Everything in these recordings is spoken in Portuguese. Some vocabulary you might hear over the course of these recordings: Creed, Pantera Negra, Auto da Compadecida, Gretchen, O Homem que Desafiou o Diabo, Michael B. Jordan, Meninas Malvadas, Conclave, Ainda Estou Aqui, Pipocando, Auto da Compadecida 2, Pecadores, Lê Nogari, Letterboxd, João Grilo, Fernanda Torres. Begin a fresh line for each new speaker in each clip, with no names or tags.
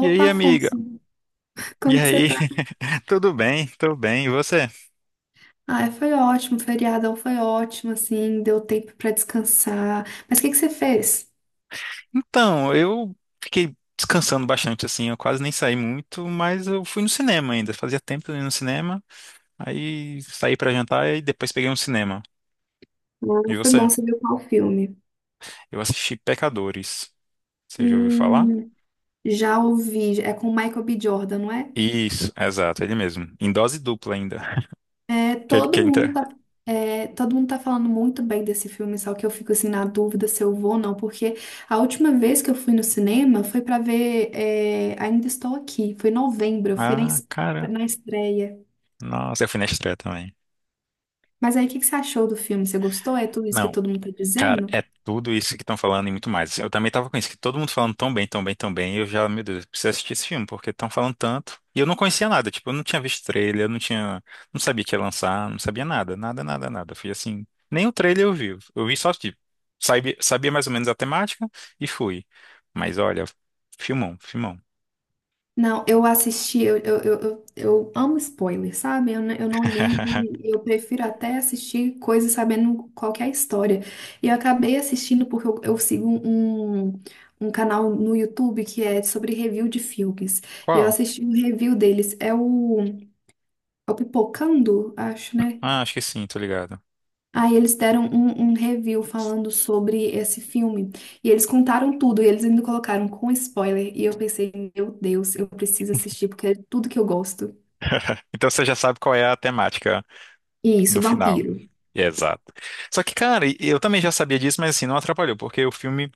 E
Opa,
aí, amiga?
Afonso,
E
como que você
aí?
tá?
Tudo bem? Tudo bem. E você?
Ah, foi ótimo, o feriadão foi ótimo, assim, deu tempo pra descansar. Mas o que que você fez?
Então, eu fiquei descansando bastante, assim. Eu quase nem saí muito, mas eu fui no cinema ainda. Fazia tempo que eu não ia no cinema. Aí saí pra jantar e depois peguei um cinema.
Ah,
E
foi bom,
você?
você viu qual filme?
Eu assisti Pecadores. Você já ouviu falar?
Hum, já ouvi, é com o Michael B. Jordan, não é?
Isso, exato, ele mesmo. Em dose dupla ainda.
É,
Aquele que
todo mundo
entra.
tá, todo mundo tá falando muito bem desse filme, só que eu fico, assim, na dúvida se eu vou ou não, porque a última vez que eu fui no cinema foi pra ver, Ainda Estou Aqui, foi em novembro, eu fui na,
Ah, cara.
na estreia.
Nossa, eu fui na estreia também.
Mas aí, o que que você achou do filme? Você gostou? É tudo isso que
Não.
todo mundo tá
Cara,
dizendo?
é tudo isso que estão falando e muito mais. Assim, eu também tava com isso, que todo mundo falando tão bem, tão bem, tão bem. E eu já, meu Deus, eu preciso assistir esse filme, porque estão falando tanto. E eu não conhecia nada, tipo, eu não tinha visto trailer, eu não tinha. Não sabia que ia lançar, não sabia nada, nada, nada, nada. Eu fui assim. Nem o trailer eu vi. Eu vi só, tipo, sabia, sabia mais ou menos a temática e fui. Mas olha, filmão, filmão.
Não, eu assisti, eu amo spoiler, sabe? Eu não ligo, eu prefiro até assistir coisas sabendo qual que é a história. E eu acabei assistindo porque eu sigo um canal no YouTube que é sobre review de filmes. E eu
Qual?
assisti um review deles, é o Pipocando, acho, né?
Ah, acho que sim, tô ligado.
Aí eles deram um review falando sobre esse filme. E eles contaram tudo, e eles ainda colocaram com spoiler. E eu pensei, meu Deus, eu preciso assistir, porque é tudo que eu gosto.
Então você já sabe qual é a temática
E isso,
do final.
vampiro.
Exato. Só que, cara, eu também já sabia disso, mas assim, não atrapalhou, porque o filme,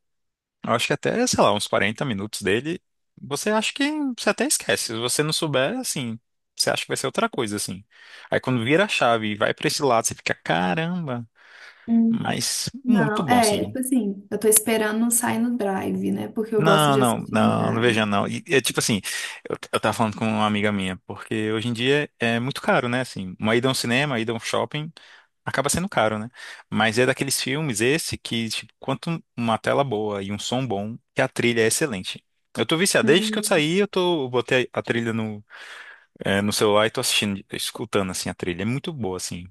eu acho que até, sei lá, uns 40 minutos dele, você acha que você até esquece. Se você não souber, assim, você acha que vai ser outra coisa, assim. Aí quando vira a chave e vai pra esse lado, você fica, caramba,
Hum.
mas muito
Não,
bom,
é,
assim.
tipo assim, eu tô esperando sair no Drive, né? Porque eu gosto
Não,
de
não,
assistir no
não, não
Drive.
veja não. E, é tipo assim, eu tava falando com uma amiga minha, porque hoje em dia é muito caro, né? Assim, uma ida a um cinema, uma ida a um shopping, acaba sendo caro, né? Mas é daqueles filmes esse que, tipo, quanto uma tela boa e um som bom, que a trilha é excelente. Eu tô viciado, desde que eu
Uhum.
saí, eu botei a trilha no, no celular e tô assistindo, escutando, assim, a trilha. É muito boa, assim,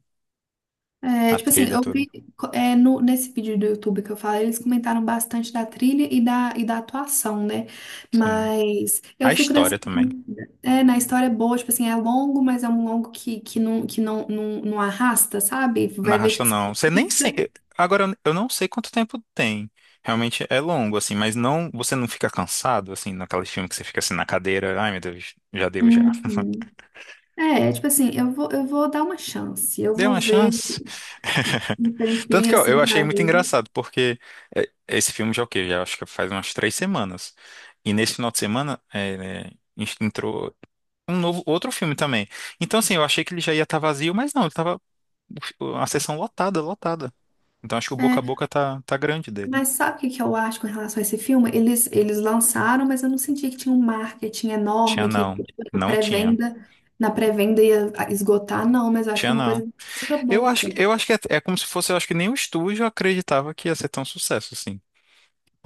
É,
a
tipo assim,
trilha
eu
toda.
vi, co- é, no, nesse vídeo do YouTube que eu falei, eles comentaram bastante da trilha e da atuação, né?
Sim.
Mas eu
A
fico nessa
história também.
dúvida. É, na história é boa, tipo assim, é longo, mas é um longo que não arrasta, sabe?
Na
Vai ver,
Rasta
tipo assim,
não. Você nem sei.
fica.
Agora eu não sei quanto tempo tem. Realmente é longo, assim, mas não. Você não fica cansado, assim, naquele filme que você fica assim na cadeira. Ai, meu Deus, já deu já.
Uhum. É, tipo assim, eu vou dar uma chance, eu
Deu
vou
uma
ver
chance.
um
Tanto
tempinho
que ó,
assim
eu achei
pra
muito
ver.
engraçado, porque esse filme já é o quê? Já acho que faz umas 3 semanas. E nesse final de semana né, entrou um novo, outro filme também. Então, assim, eu achei que ele já ia estar vazio, mas não, ele tava o fi- a sessão lotada, lotada. Então acho que o boca a
É,
boca tá grande dele.
Mas sabe o que que eu acho com relação a esse filme? Eles lançaram, mas eu não senti que tinha um marketing
Tinha
enorme, que tipo,
não. Não tinha.
na pré-venda ia esgotar, não, mas eu acho que
Tinha
é uma coisa
não.
de boca a boca.
Eu acho que é, como se fosse, eu acho que nem o estúdio acreditava que ia ser tão sucesso, assim.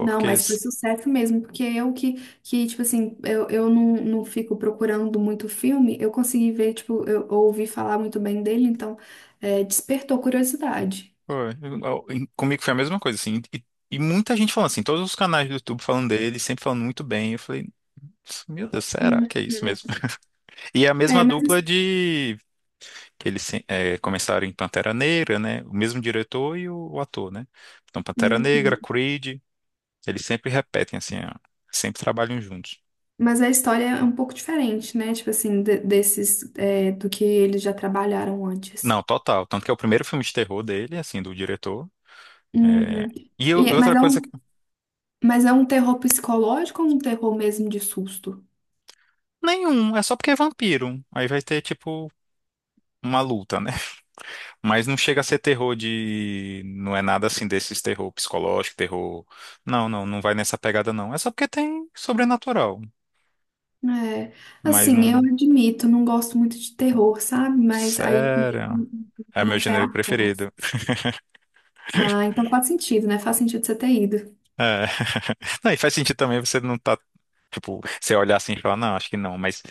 Não, mas foi
s-
sucesso mesmo, porque eu que tipo assim, eu não, não fico procurando muito filme, eu consegui ver, tipo, eu ouvi falar muito bem dele, então despertou curiosidade.
foi, eu- em- Comigo foi a mesma coisa, assim. E muita gente falando assim, todos os canais do YouTube falando dele, sempre falando muito bem. Eu falei, meu Deus, será
Uhum.
que é isso mesmo? E é a mesma
É,
dupla
mas.
de que eles começaram em Pantera Negra, né? O mesmo diretor e o ator, né? Então, Pantera Negra,
Uhum.
Creed, eles sempre repetem assim, ó, sempre trabalham juntos.
Mas a história é um pouco diferente, né? Tipo assim, desses, do que eles já trabalharam antes.
Não, total. Tanto que é o primeiro filme de terror dele, assim, do diretor. É.
Uhum. E é- mas
Outra
é
coisa,
um, mas é um terror psicológico ou um terror mesmo de susto?
nenhum, é só porque é vampiro. Aí vai ter, tipo, uma luta, né? Mas não chega a ser terror de. Não é nada assim desses terror psicológico, terror. Não, não, não vai nessa pegada, não. É só porque tem sobrenatural.
É,
Mas
assim, eu
não.
admito, não gosto muito de terror, sabe? Mas aí
Sério. É meu
num pé
gênero
atrás.
preferido.
Ah, então faz sentido, né? Faz sentido você ter ido.
É. Não, e faz sentido também você não tá. Tipo, você olhar assim e falar, não, acho que não. Mas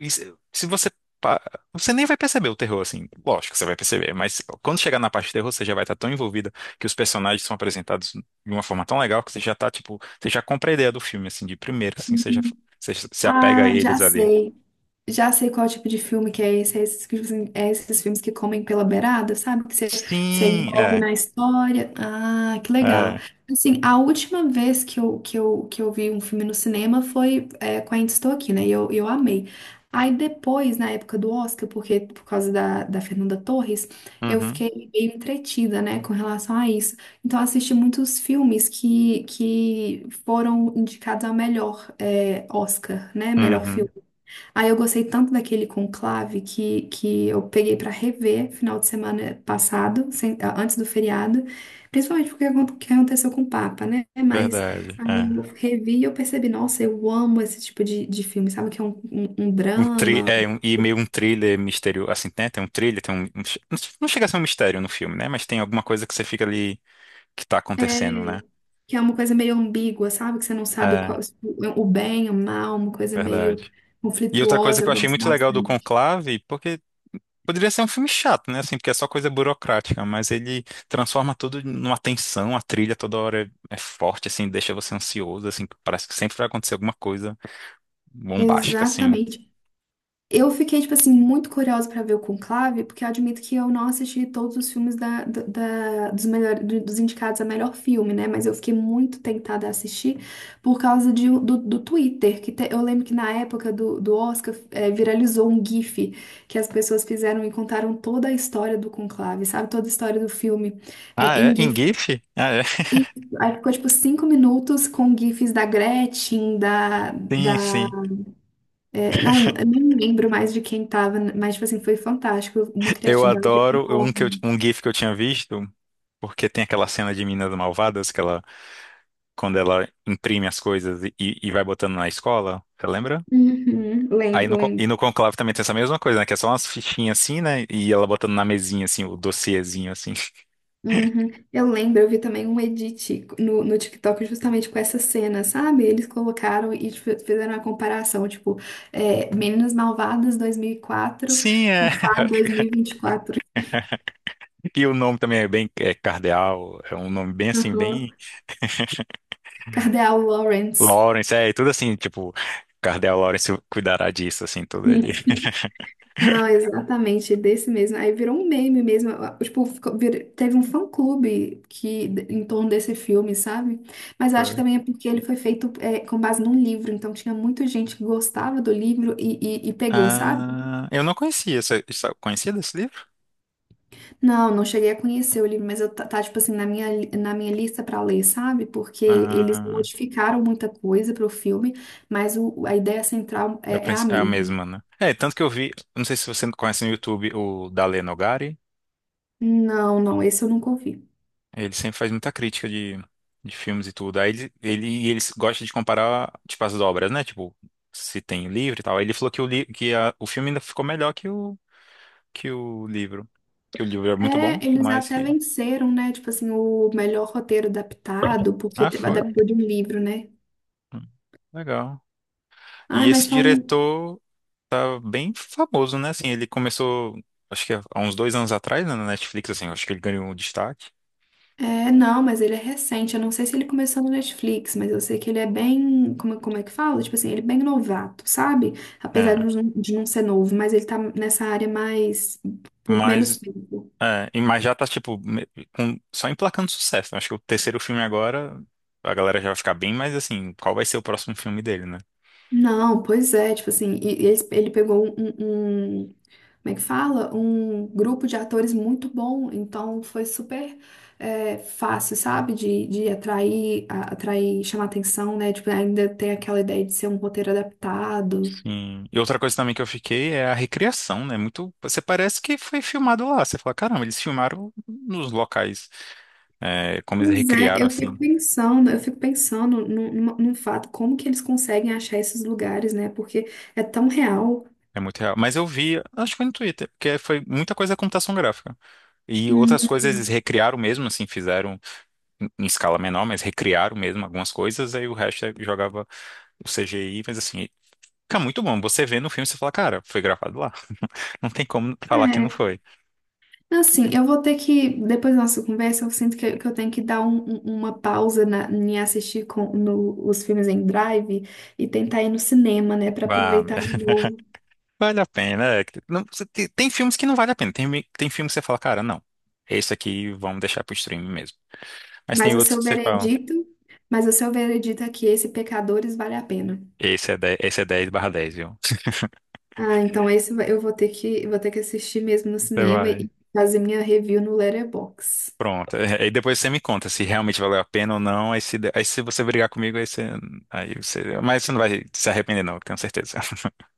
E se se você. Pa- você nem vai perceber o terror, assim. Lógico que você vai perceber, mas quando chegar na parte de terror, você já vai estar tão envolvida que os personagens são apresentados de uma forma tão legal que você já tá, tipo, você já compra a ideia do filme, assim, de primeiro, assim,
Uhum.
você se apega a
Ah, já
eles ali.
sei. Já sei qual tipo de filme que é esse, é esses, que, tipo assim, é esses filmes que comem pela beirada, sabe? Que você se
Sim,
envolve
é,
na história. Ah, que legal.
é.
Assim, a última vez que eu vi um filme no cinema foi com a Ainda Estou Aqui, né? E eu amei. Aí depois, na época do Oscar, porque por causa da Fernanda Torres, eu
Uhum,
fiquei meio entretida, né, com relação a isso. Então, eu assisti muitos filmes que foram indicados ao melhor Oscar, né? Melhor filme.
uhum,
Aí eu gostei tanto daquele conclave que eu peguei pra rever final de semana passado, antes do feriado, principalmente porque que aconteceu com o Papa, né? Mas
verdade,
aí eu
é.
revi e eu percebi, nossa, eu amo esse tipo de filme, sabe? Que é um drama,
E meio um thriller misterioso, assim, né? Tem um thriller, tem não chega a ser um mistério no filme, né? Mas tem alguma coisa que você fica ali que tá acontecendo,
é,
né?
que é uma coisa meio ambígua, sabe? Que você não sabe
É,
qual, o bem, o mal, uma coisa meio
verdade. E outra coisa
conflituosa,
que
eu
eu achei
gosto
muito legal do
bastante.
Conclave, porque poderia ser um filme chato, né? Assim, porque é só coisa burocrática, mas ele transforma tudo numa tensão, a trilha toda hora é forte, assim, deixa você ansioso, assim, parece que sempre vai acontecer alguma coisa bombástica, assim.
Exatamente. Eu fiquei, tipo assim, muito curiosa pra ver o Conclave, porque eu admito que eu não assisti todos os filmes dos, melhor, dos indicados a melhor filme, né? Mas eu fiquei muito tentada a assistir por causa de, do Twitter, eu lembro que na época do Oscar viralizou um GIF que as pessoas fizeram e contaram toda a história do Conclave, sabe? Toda a história do filme,
Ah, é?
em
Em
GIF.
GIF? Ah, é?
E aí ficou, tipo, 5 minutos com GIFs da Gretchen,
Sim, sim.
eu nem lembro mais de quem tava, mas, tipo assim, foi fantástico. Uma
Eu
criatividade
adoro um, que eu-
enorme.
um GIF que eu tinha visto, porque tem aquela cena de Meninas Malvadas, que ela, quando ela imprime as coisas e vai botando na escola, você lembra?
Uhum,
Aí
lembro,
no, con- E
lembro.
no Conclave também tem essa mesma coisa, né? Que é só umas fichinhas assim, né? E ela botando na mesinha, assim, o dossiêzinho, assim.
Uhum. Eu lembro, eu vi também um edit no TikTok justamente com essa cena, sabe? Eles colocaram e tipo, fizeram uma comparação, tipo, Meninas Malvadas 2004
Sim, é.
com Claro 2024.
E o nome também é bem é Cardeal, é um nome bem assim, bem
Uhum. Cadê a Lawrence?
Lawrence, é, e tudo assim, tipo, Cardeal Lawrence cuidará disso, assim, tudo ali.
Não, exatamente, desse mesmo. Aí virou um meme mesmo. Tipo, teve um fã-clube que em torno desse filme, sabe? Mas eu acho que
Foi.
também é porque ele foi feito com base num livro, então tinha muita gente que gostava do livro e pegou, sabe?
Ah, eu não conhecia, você conhecia desse livro?
Não, não cheguei a conhecer o livro, mas tipo assim, na minha lista pra ler, sabe? Porque eles
Ah,
modificaram muita coisa pro filme, mas a ideia central é a
é a
mesma.
mesma, né? É, tanto que eu vi, não sei se você conhece no YouTube o da Lê Nogari.
Não, não, esse eu nunca ouvi.
Ele sempre faz muita crítica de, filmes e tudo. Aí ele gosta de comparar, tipo, as obras, né? Tipo, se tem o livro e tal. Aí ele falou que o filme ainda ficou melhor que o livro. Que o livro é muito bom,
É, eles
mas
até
que...
venceram, né? Tipo assim, o melhor roteiro adaptado, porque
Ah, foi.
adaptou de um livro, né?
Hum, Legal. E
Ai, mas
esse
falam.
diretor tá bem famoso, né? Assim, ele começou, acho que há uns 2 anos atrás, né, na Netflix, assim. Acho que ele ganhou um destaque.
É, não, mas ele é recente. Eu não sei se ele começou no Netflix, mas eu sei que ele é bem. Como, como é que fala? Tipo assim, ele é bem novato, sabe? Apesar
É.
de não ser novo, mas ele tá nessa área mais. Por menos
Mas
tempo.
Mas já tá, tipo, só emplacando sucesso, né? Acho que o terceiro filme agora, a galera já vai ficar bem, mas assim, qual vai ser o próximo filme dele, né?
Não, pois é, tipo assim, ele pegou como é que fala? Um grupo de atores muito bom, então foi super fácil, sabe? De atrair, atrair, chamar atenção, né? Tipo, ainda tem aquela ideia de ser um roteiro adaptado.
Sim. E outra coisa também que eu fiquei é a recriação, né? Muito, você parece que foi filmado lá. Você fala, caramba, eles filmaram nos locais, é, como eles
Pois é,
recriaram, assim.
eu fico pensando num, num fato, como que eles conseguem achar esses lugares, né? Porque é tão real.
É muito real. Mas eu vi, acho que foi no Twitter, porque foi muita coisa da computação gráfica. E outras coisas eles
Hum.
recriaram mesmo, assim, fizeram em escala menor, mas recriaram mesmo algumas coisas, aí o resto jogava o CGI, mas assim, fica muito bom. Você vê no filme, você fala, cara, foi gravado lá. Não tem como falar que não foi.
Assim, eu vou ter que, depois da nossa conversa, eu sinto que eu tenho que dar uma pausa em assistir com, no- os filmes em drive e tentar ir no cinema, né, para
Vá,
aproveitar de novo.
vale a pena. Você tem, tem filmes que não vale a pena, tem, tem filmes que você fala, cara, não, esse aqui vamos deixar pro streaming mesmo. Mas tem
Mas o
outros
seu
que você fala,
veredito, mas o seu veredito é que esse Pecadores vale a pena.
esse é 10 barra dez, viu?
Ah, então eu vou ter que assistir mesmo no
Você
cinema
vai.
e fazer minha review no Letterboxd.
Pronto. Aí depois você me conta se realmente valeu a pena ou não. Aí se você brigar comigo, aí você, aí você. Mas você não vai se arrepender, não, eu tenho certeza.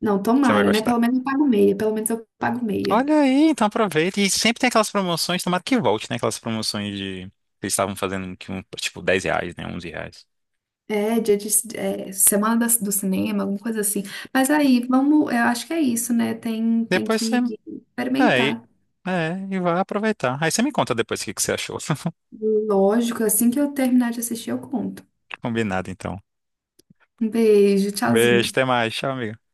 Não,
Você vai
tomara, né?
gostar.
Pelo menos eu pago meia, pelo menos eu pago meia.
Olha aí, então aproveita. E sempre tem aquelas promoções, tomara que volte, né? Aquelas promoções de. Que eles estavam fazendo que tipo R$ 10, né? R$ 11.
É, dia de, semana do cinema, alguma coisa assim. Mas aí, vamos, eu acho que é isso, né? Tem, tem
Depois você.
que
É,
experimentar.
e vai aproveitar. Aí você me conta depois o que que você achou.
Lógico, assim que eu terminar de assistir, eu conto.
Combinado, então.
Um beijo,
Beijo,
tchauzinho.
até mais. Tchau, amigo.